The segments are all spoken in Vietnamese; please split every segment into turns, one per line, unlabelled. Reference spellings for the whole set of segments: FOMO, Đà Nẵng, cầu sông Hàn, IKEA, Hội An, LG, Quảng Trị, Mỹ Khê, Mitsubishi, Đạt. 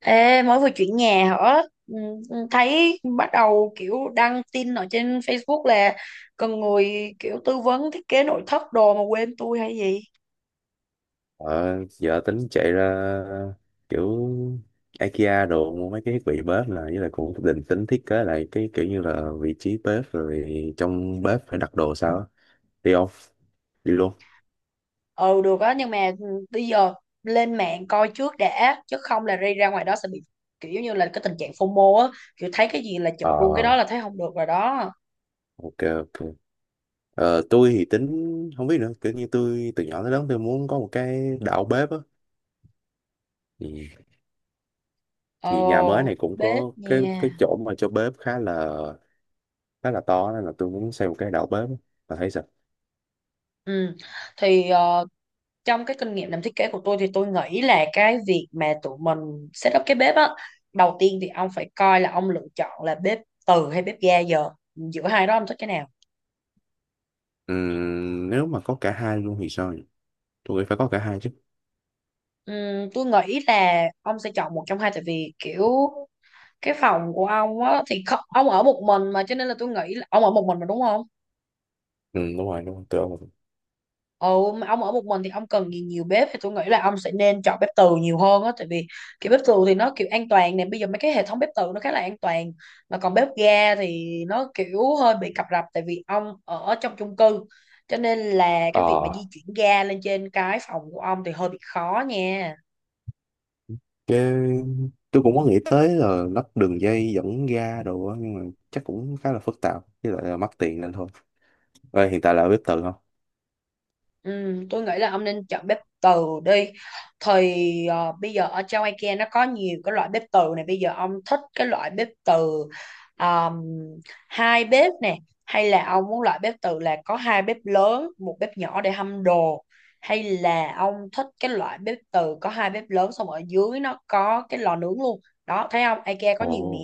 Ê, mới vừa chuyển nhà hả? Ừ, thấy bắt đầu kiểu đăng tin ở trên Facebook là cần người kiểu tư vấn thiết kế nội thất đồ mà quên tôi hay gì.
Ờ, giờ tính chạy ra kiểu IKEA đồ mua mấy cái thiết bị bếp, là với lại cũng định tính thiết kế lại cái kiểu như là vị trí bếp rồi trong bếp phải đặt đồ sao á. Đi không? Đi luôn.
Ừ được á, nhưng mà bây giờ lên mạng coi trước đã, chứ không là đi ra ngoài đó sẽ bị kiểu giống như là cái tình trạng FOMO á, kiểu thấy cái gì là chụp luôn cái
ờ
đó là thấy không được rồi đó.
ok ok. Tôi thì tính không biết nữa, kiểu như tôi từ nhỏ tới lớn tôi muốn có một cái đảo bếp á thì, thì nhà mới
Ồ,
này cũng
bếp
có cái
nha.
chỗ mà cho bếp khá là to, nên là tôi muốn xây một cái đảo bếp á. Bà thấy sao?
Ừ. Thì trong cái kinh nghiệm làm thiết kế của tôi thì tôi nghĩ là cái việc mà tụi mình set up cái bếp á, đầu tiên thì ông phải coi là ông lựa chọn là bếp từ hay bếp ga. Giờ giữa hai đó ông thích cái nào?
Nếu mà có cả hai luôn thì sao? Tôi nghĩ phải có cả hai chứ.
Tôi nghĩ là ông sẽ chọn một trong hai, tại vì kiểu cái phòng của ông á thì ông ở một mình mà, cho nên là tôi nghĩ là ông ở một mình mà, đúng không?
Ừ, đúng rồi đúng rồi, tôi ông.
Ừ, mà ông ở một mình thì ông cần gì nhiều bếp, thì tôi nghĩ là ông sẽ nên chọn bếp từ nhiều hơn á, tại vì kiểu bếp từ thì nó kiểu an toàn nè, bây giờ mấy cái hệ thống bếp từ nó khá là an toàn, mà còn bếp ga thì nó kiểu hơi bị cập rập tại vì ông ở trong chung cư, cho nên là cái việc mà di
ờ
chuyển ga lên trên cái phòng của ông thì hơi bị khó nha.
cái tôi cũng có nghĩ tới là lắp đường dây dẫn ga đồ á, nhưng mà chắc cũng khá là phức tạp với lại là mắc tiền nên thôi. Ê, hiện tại là ở bếp từ không?
Ừ, tôi nghĩ là ông nên chọn bếp từ đi. Bây giờ ở trong IKEA nó có nhiều cái loại bếp từ này, bây giờ ông thích cái loại bếp từ, um, hai bếp nè, hay là ông muốn loại bếp từ là có hai bếp lớn một bếp nhỏ để hâm đồ, hay là ông thích cái loại bếp từ có hai bếp lớn xong ở dưới nó có cái lò nướng luôn? Đó thấy không, IKEA có
Ồ.
nhiều nè.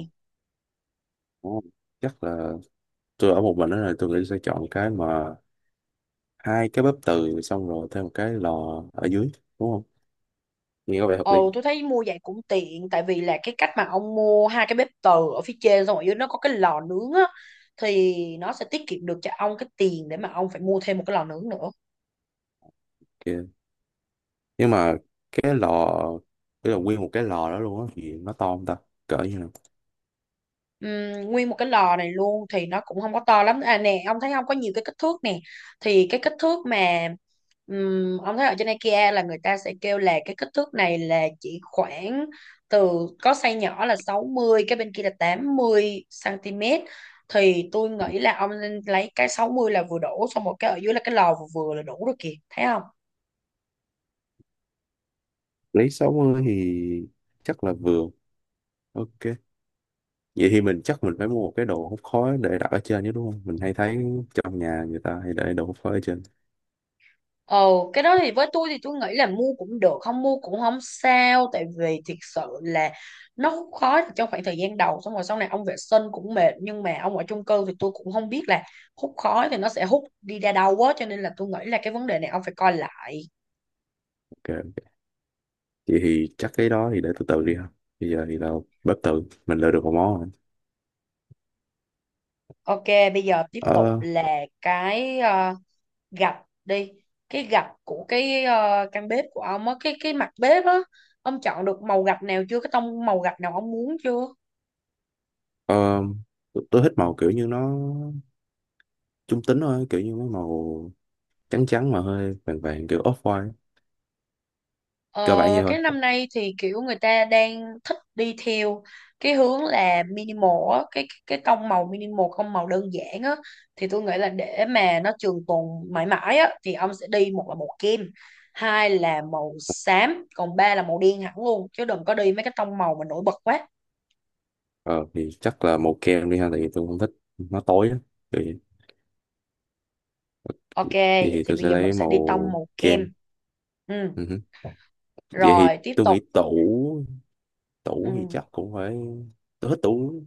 ồ, Chắc là tôi ở một mình đó, là tôi nghĩ sẽ chọn cái mà hai cái bếp từ xong rồi thêm một cái lò ở dưới, đúng không? Nghe có vẻ hợp lý.
Ồ, tôi thấy mua vậy cũng tiện, tại vì là cái cách mà ông mua hai cái bếp từ ở phía trên xong ở dưới nó có cái lò nướng á, thì nó sẽ tiết kiệm được cho ông cái tiền để mà ông phải mua thêm một cái lò nướng nữa.
Kìa, nhưng mà cái lò, cái là nguyên một cái lò đó luôn á thì nó to không ta? Cỡ như nào?
Nguyên một cái lò này luôn thì nó cũng không có to lắm à nè, ông thấy không, có nhiều cái kích thước nè, thì cái kích thước mà ông thấy ở trên IKEA là người ta sẽ kêu là cái kích thước này là chỉ khoảng từ có size nhỏ là 60, cái bên kia là 80 cm. Thì tôi
Ừ.
nghĩ là ông nên lấy cái 60 là vừa đủ, xong một cái ở dưới là cái lò vừa vừa là đủ rồi kìa, thấy không?
Lấy 60 thì chắc là vừa. Ok. Vậy thì mình chắc mình phải mua một cái đồ hút khói để đặt ở trên chứ đúng không? Mình hay thấy trong nhà người ta hay để đồ hút khói ở trên.
Ồ, cái đó thì với tôi thì tôi nghĩ là mua cũng được, không mua cũng không sao, tại vì thiệt sự là nó hút khói trong khoảng thời gian đầu, xong rồi sau này ông vệ sinh cũng mệt, nhưng mà ông ở chung cư thì tôi cũng không biết là hút khói thì nó sẽ hút đi ra đâu quá, cho nên là tôi nghĩ là cái vấn đề này ông phải coi lại.
Ok, ok. Vậy thì chắc cái đó thì để từ từ đi ha. Bây giờ thì tao bếp tự mình lựa được một món rồi.
Ok, bây giờ tiếp tục
Ờ.
là cái gạch đi, cái gạch của cái căn bếp của ông á, cái mặt bếp á, ông chọn được màu gạch nào chưa, cái tông màu gạch nào ông muốn chưa?
ờ, tôi thích màu kiểu như nó trung tính thôi, kiểu như mấy màu trắng trắng mà hơi vàng vàng, kiểu off-white.
Ờ,
Cơ bản vậy
cái
thôi.
năm nay thì kiểu người ta đang thích đi theo cái hướng là minimal á, cái tông màu minimal, không màu đơn giản á, thì tôi nghĩ là để mà nó trường tồn mãi mãi á thì ông sẽ đi một là màu kem, hai là màu xám, còn ba là màu đen hẳn luôn, chứ đừng có đi mấy cái tông màu mà nổi bật quá.
Ờ thì chắc là màu kem đi ha, tại vì tôi không thích nó tối á. Vậy,
Ok,
vậy
vậy
thì
thì
tôi
bây
sẽ
giờ mình
lấy
sẽ đi tông
màu
màu
kem.
kem. Ừ,
Ừ hứ. Vậy thì
rồi tiếp
tôi
tục.
nghĩ tủ tủ thì
Ừ.
chắc cũng phải. Tôi thích tủ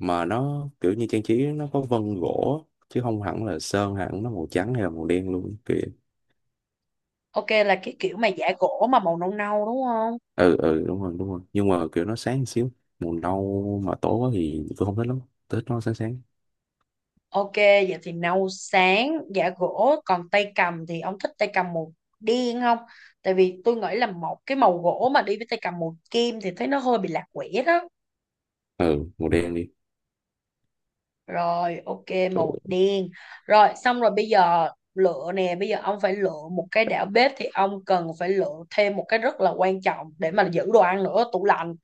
mà nó kiểu như trang trí nó có vân gỗ, chứ không hẳn là sơn hẳn nó màu trắng hay là màu đen luôn kìa.
Ok là cái kiểu mà giả gỗ mà màu nâu nâu đúng không?
Ừ ừ, đúng rồi đúng rồi, nhưng mà kiểu nó sáng một xíu. Màu nâu mà tối quá thì tôi không thích lắm, tôi thích nó sáng sáng.
Ok, vậy thì nấu sáng giả gỗ, còn tay cầm thì ông thích tay cầm màu đen không? Tại vì tôi nghĩ là một cái màu gỗ mà đi với tay cầm màu kim thì thấy nó hơi bị lạc quẻ đó.
Ừ, màu đen đi.
Rồi, ok, màu
Ừ.
đen. Rồi, xong rồi bây giờ lựa nè, bây giờ ông phải lựa một cái đảo bếp thì ông cần phải lựa thêm một cái rất là quan trọng để mà giữ đồ ăn nữa, tủ lạnh.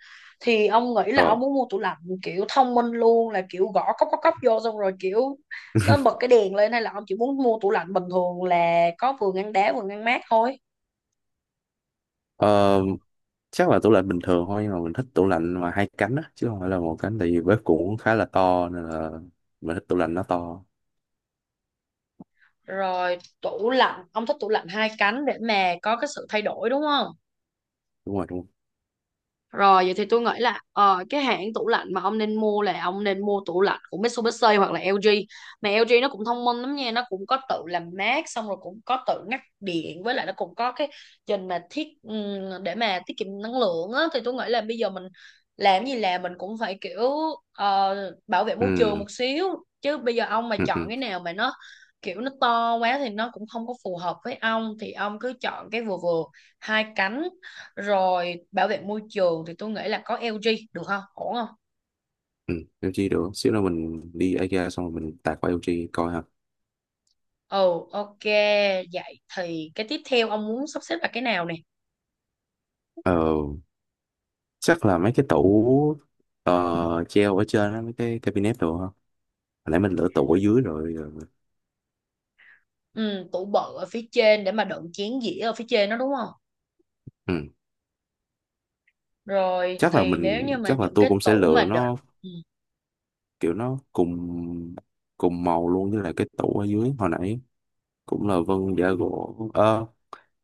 Thì ông nghĩ là
ờ
ông muốn mua tủ lạnh kiểu thông minh luôn, là kiểu gõ cốc cốc cốc vô xong rồi kiểu nó bật cái đèn lên, hay là ông chỉ muốn mua tủ lạnh bình thường là có vừa ngăn đá vừa ngăn mát thôi.
ờ, Chắc là tủ lạnh bình thường thôi, nhưng mà mình thích tủ lạnh mà hai cánh á, chứ không phải là một cánh, tại vì bếp cũng khá là to nên là mình thích tủ lạnh nó to.
Rồi, tủ lạnh, ông thích tủ lạnh hai cánh để mà có cái sự thay đổi đúng không?
Đúng rồi đúng rồi.
Rồi vậy thì tôi nghĩ là cái hãng tủ lạnh mà ông nên mua là ông nên mua tủ lạnh của Mitsubishi hoặc là LG. Mà LG nó cũng thông minh lắm nha, nó cũng có tự làm mát xong rồi cũng có tự ngắt điện, với lại nó cũng có cái trình mà thiết để mà tiết kiệm năng lượng á, thì tôi nghĩ là bây giờ mình làm gì làm mình cũng phải kiểu ờ, bảo vệ môi trường
Ừ
một xíu, chứ bây giờ ông mà
ừ
chọn
ừ.
cái nào mà nó kiểu nó to quá thì nó cũng không có phù hợp với ông, thì ông cứ chọn cái vừa vừa, hai cánh, rồi bảo vệ môi trường thì tôi nghĩ là có LG được không? Ổn không?
Ừ, LG được, xíu nữa mình đi IKEA xong rồi mình tạt qua LG coi ha.
Ừ, ok. Vậy thì cái tiếp theo ông muốn sắp xếp là cái nào nè?
ờ Chắc là mấy cái tủ treo ở trên á, mấy cái cabinet đồ ha, hồi nãy mình lựa tủ ở dưới rồi rồi.
Ừ, tủ bự ở phía trên để mà đựng chén dĩa ở phía trên đó đúng không?
Ừ.
Rồi thì nếu như mà
Chắc là
những
tôi
cái
cũng sẽ
tủ
lựa
mà đựng.
nó
Ừ.
kiểu nó cùng cùng màu luôn với lại cái tủ ở dưới hồi nãy, cũng là vân giả gỗ. Ờ,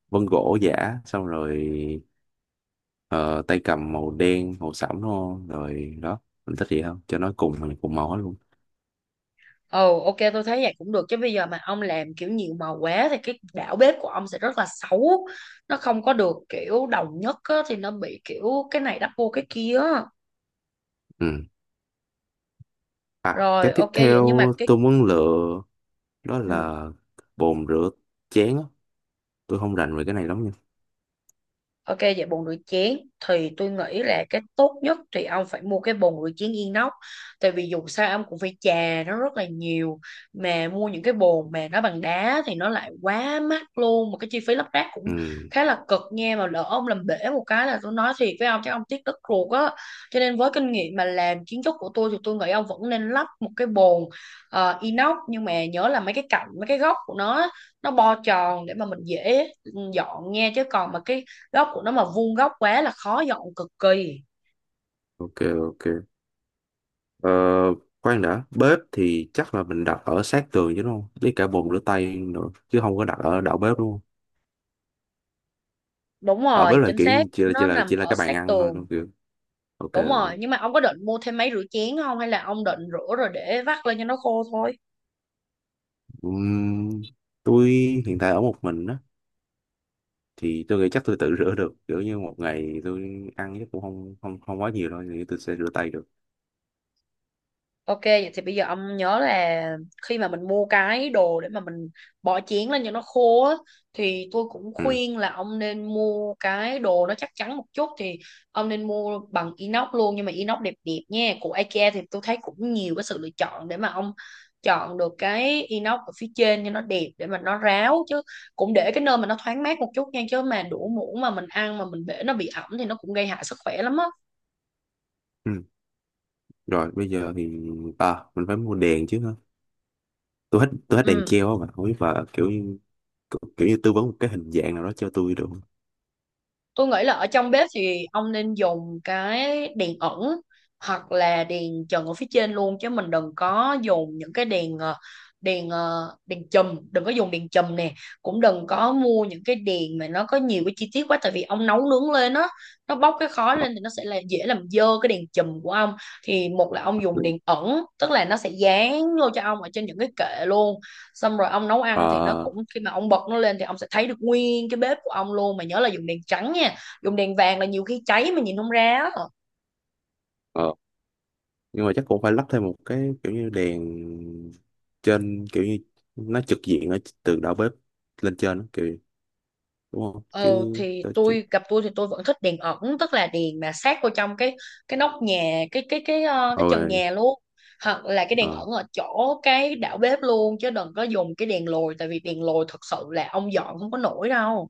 Vân gỗ giả, xong rồi ờ, tay cầm màu đen màu sẫm, đúng không rồi đó. Mình thích gì không, cho nó cùng cùng màu hết luôn.
Ừ, ok tôi thấy vậy cũng được, chứ bây giờ mà ông làm kiểu nhiều màu quá thì cái đảo bếp của ông sẽ rất là xấu. Nó không có được kiểu đồng nhất á, thì nó bị kiểu cái này đắp vô cái kia á.
Ừ. À, cái
Rồi
tiếp
ok vậy, nhưng mà
theo
cái
tôi muốn
ừ,
lựa đó
ừ.
là bồn rửa chén á. Tôi không rành về cái này lắm nha.
Ok, vậy bồn rửa chén thì tôi nghĩ là cái tốt nhất thì ông phải mua cái bồn rửa chén inox, tại vì dù sao ông cũng phải chà nó rất là nhiều, mà mua những cái bồn mà nó bằng đá thì nó lại quá mắc luôn, mà cái chi phí lắp ráp
Ừ,
cũng khá là cực nha, mà lỡ ông làm bể một cái là tôi nói thiệt với ông chắc ông tiếc đất ruột á. Cho nên với kinh nghiệm mà làm kiến trúc của tôi thì tôi nghĩ ông vẫn nên lắp một cái bồn inox, nhưng mà nhớ là mấy cái cạnh mấy cái góc của nó á, nó bo tròn để mà mình dễ dọn nha, chứ còn mà cái góc của nó mà vuông góc quá là khó dọn cực kỳ.
ok, ok. Ờ, khoan đã, bếp thì chắc là mình đặt ở sát tường chứ đúng không? Với cả bồn rửa tay nữa, chứ không có đặt ở đầu bếp đúng không?
Đúng
Ở
rồi,
bếp là
chính xác,
kiểu
nó nằm
chỉ là
ở
cái bàn
sát
ăn thôi đúng
tường.
không? Kiểu. Ok,
Đúng
ok.
rồi, nhưng mà ông có định mua thêm máy rửa chén không, hay là ông định rửa rồi để vắt lên cho nó khô thôi?
Ừm, tôi hiện tại ở một mình á, thì tôi nghĩ chắc tôi tự rửa được. Kiểu như một ngày tôi ăn chắc cũng không không không quá nhiều đâu, thì tôi sẽ rửa tay được.
Ok, vậy thì bây giờ ông nhớ là khi mà mình mua cái đồ để mà mình bỏ chén lên cho nó khô á, thì tôi cũng
Ừ.
khuyên là ông nên mua cái đồ nó chắc chắn một chút, thì ông nên mua bằng inox luôn, nhưng mà inox đẹp đẹp nha. Của IKEA thì tôi thấy cũng nhiều cái sự lựa chọn để mà ông chọn được cái inox ở phía trên cho nó đẹp để mà nó ráo, chứ cũng để cái nơi mà nó thoáng mát một chút nha, chứ mà đũa muỗng mà mình ăn mà mình để nó bị ẩm thì nó cũng gây hại sức khỏe lắm á.
Ừ. Rồi bây giờ thì à, mình phải mua đèn chứ hả? Tôi hết đèn
Ừ.
treo á, mà không biết và kiểu như kiểu như tư vấn một cái hình dạng nào đó cho tôi được không?
Tôi nghĩ là ở trong bếp thì ông nên dùng cái đèn ẩn hoặc là đèn trần ở phía trên luôn, chứ mình đừng có dùng những cái đèn đèn chùm, đừng có dùng đèn chùm nè, cũng đừng có mua những cái đèn mà nó có nhiều cái chi tiết quá, tại vì ông nấu nướng lên á, nó bốc cái khói
Ờ.
lên thì nó sẽ là dễ làm dơ cái đèn chùm của ông. Thì một là ông dùng đèn ẩn, tức là nó sẽ dán vô cho ông ở trên những cái kệ luôn, xong rồi ông nấu ăn thì nó
Ờ.
cũng khi mà ông bật nó lên thì ông sẽ thấy được nguyên cái bếp của ông luôn, mà nhớ là dùng đèn trắng nha, dùng đèn vàng là nhiều khi cháy mà nhìn không ra á.
Ờ. Nhưng mà chắc cũng phải lắp thêm một cái kiểu như đèn trên, kiểu như nó trực diện ở từ đầu bếp lên trên đó, kiểu, đúng không?
Ờ
Chứ
thì
tôi chỉ.
tôi thì tôi vẫn thích đèn ẩn, tức là đèn mà sát vô trong cái nóc nhà, cái trần
Rồi.
nhà luôn, hoặc là cái đèn
ờ,
ẩn ở chỗ cái đảo bếp luôn, chứ đừng có dùng cái đèn lồi, tại vì đèn lồi thật sự là ông dọn không có nổi đâu.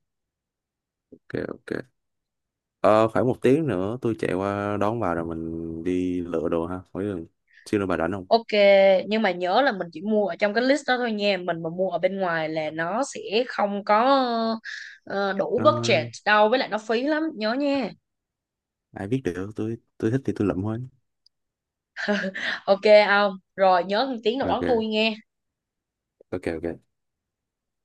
ok ok. Ờ, khoảng 1 tiếng nữa tôi chạy qua đón bà rồi mình đi lựa đồ ha. Hỏi xin bà rảnh không?
Ok, nhưng mà nhớ là mình chỉ mua ở trong cái list đó thôi nha. Mình mà mua ở bên ngoài là nó sẽ không có ờ, đủ budget
Nó,
đâu, với lại nó phí lắm, nhớ nha.
ai biết được, tôi thích thì tôi lụm thôi.
Ok không? Rồi nhớ tiếng nào đón tôi
Ok
nghe.
ok ok.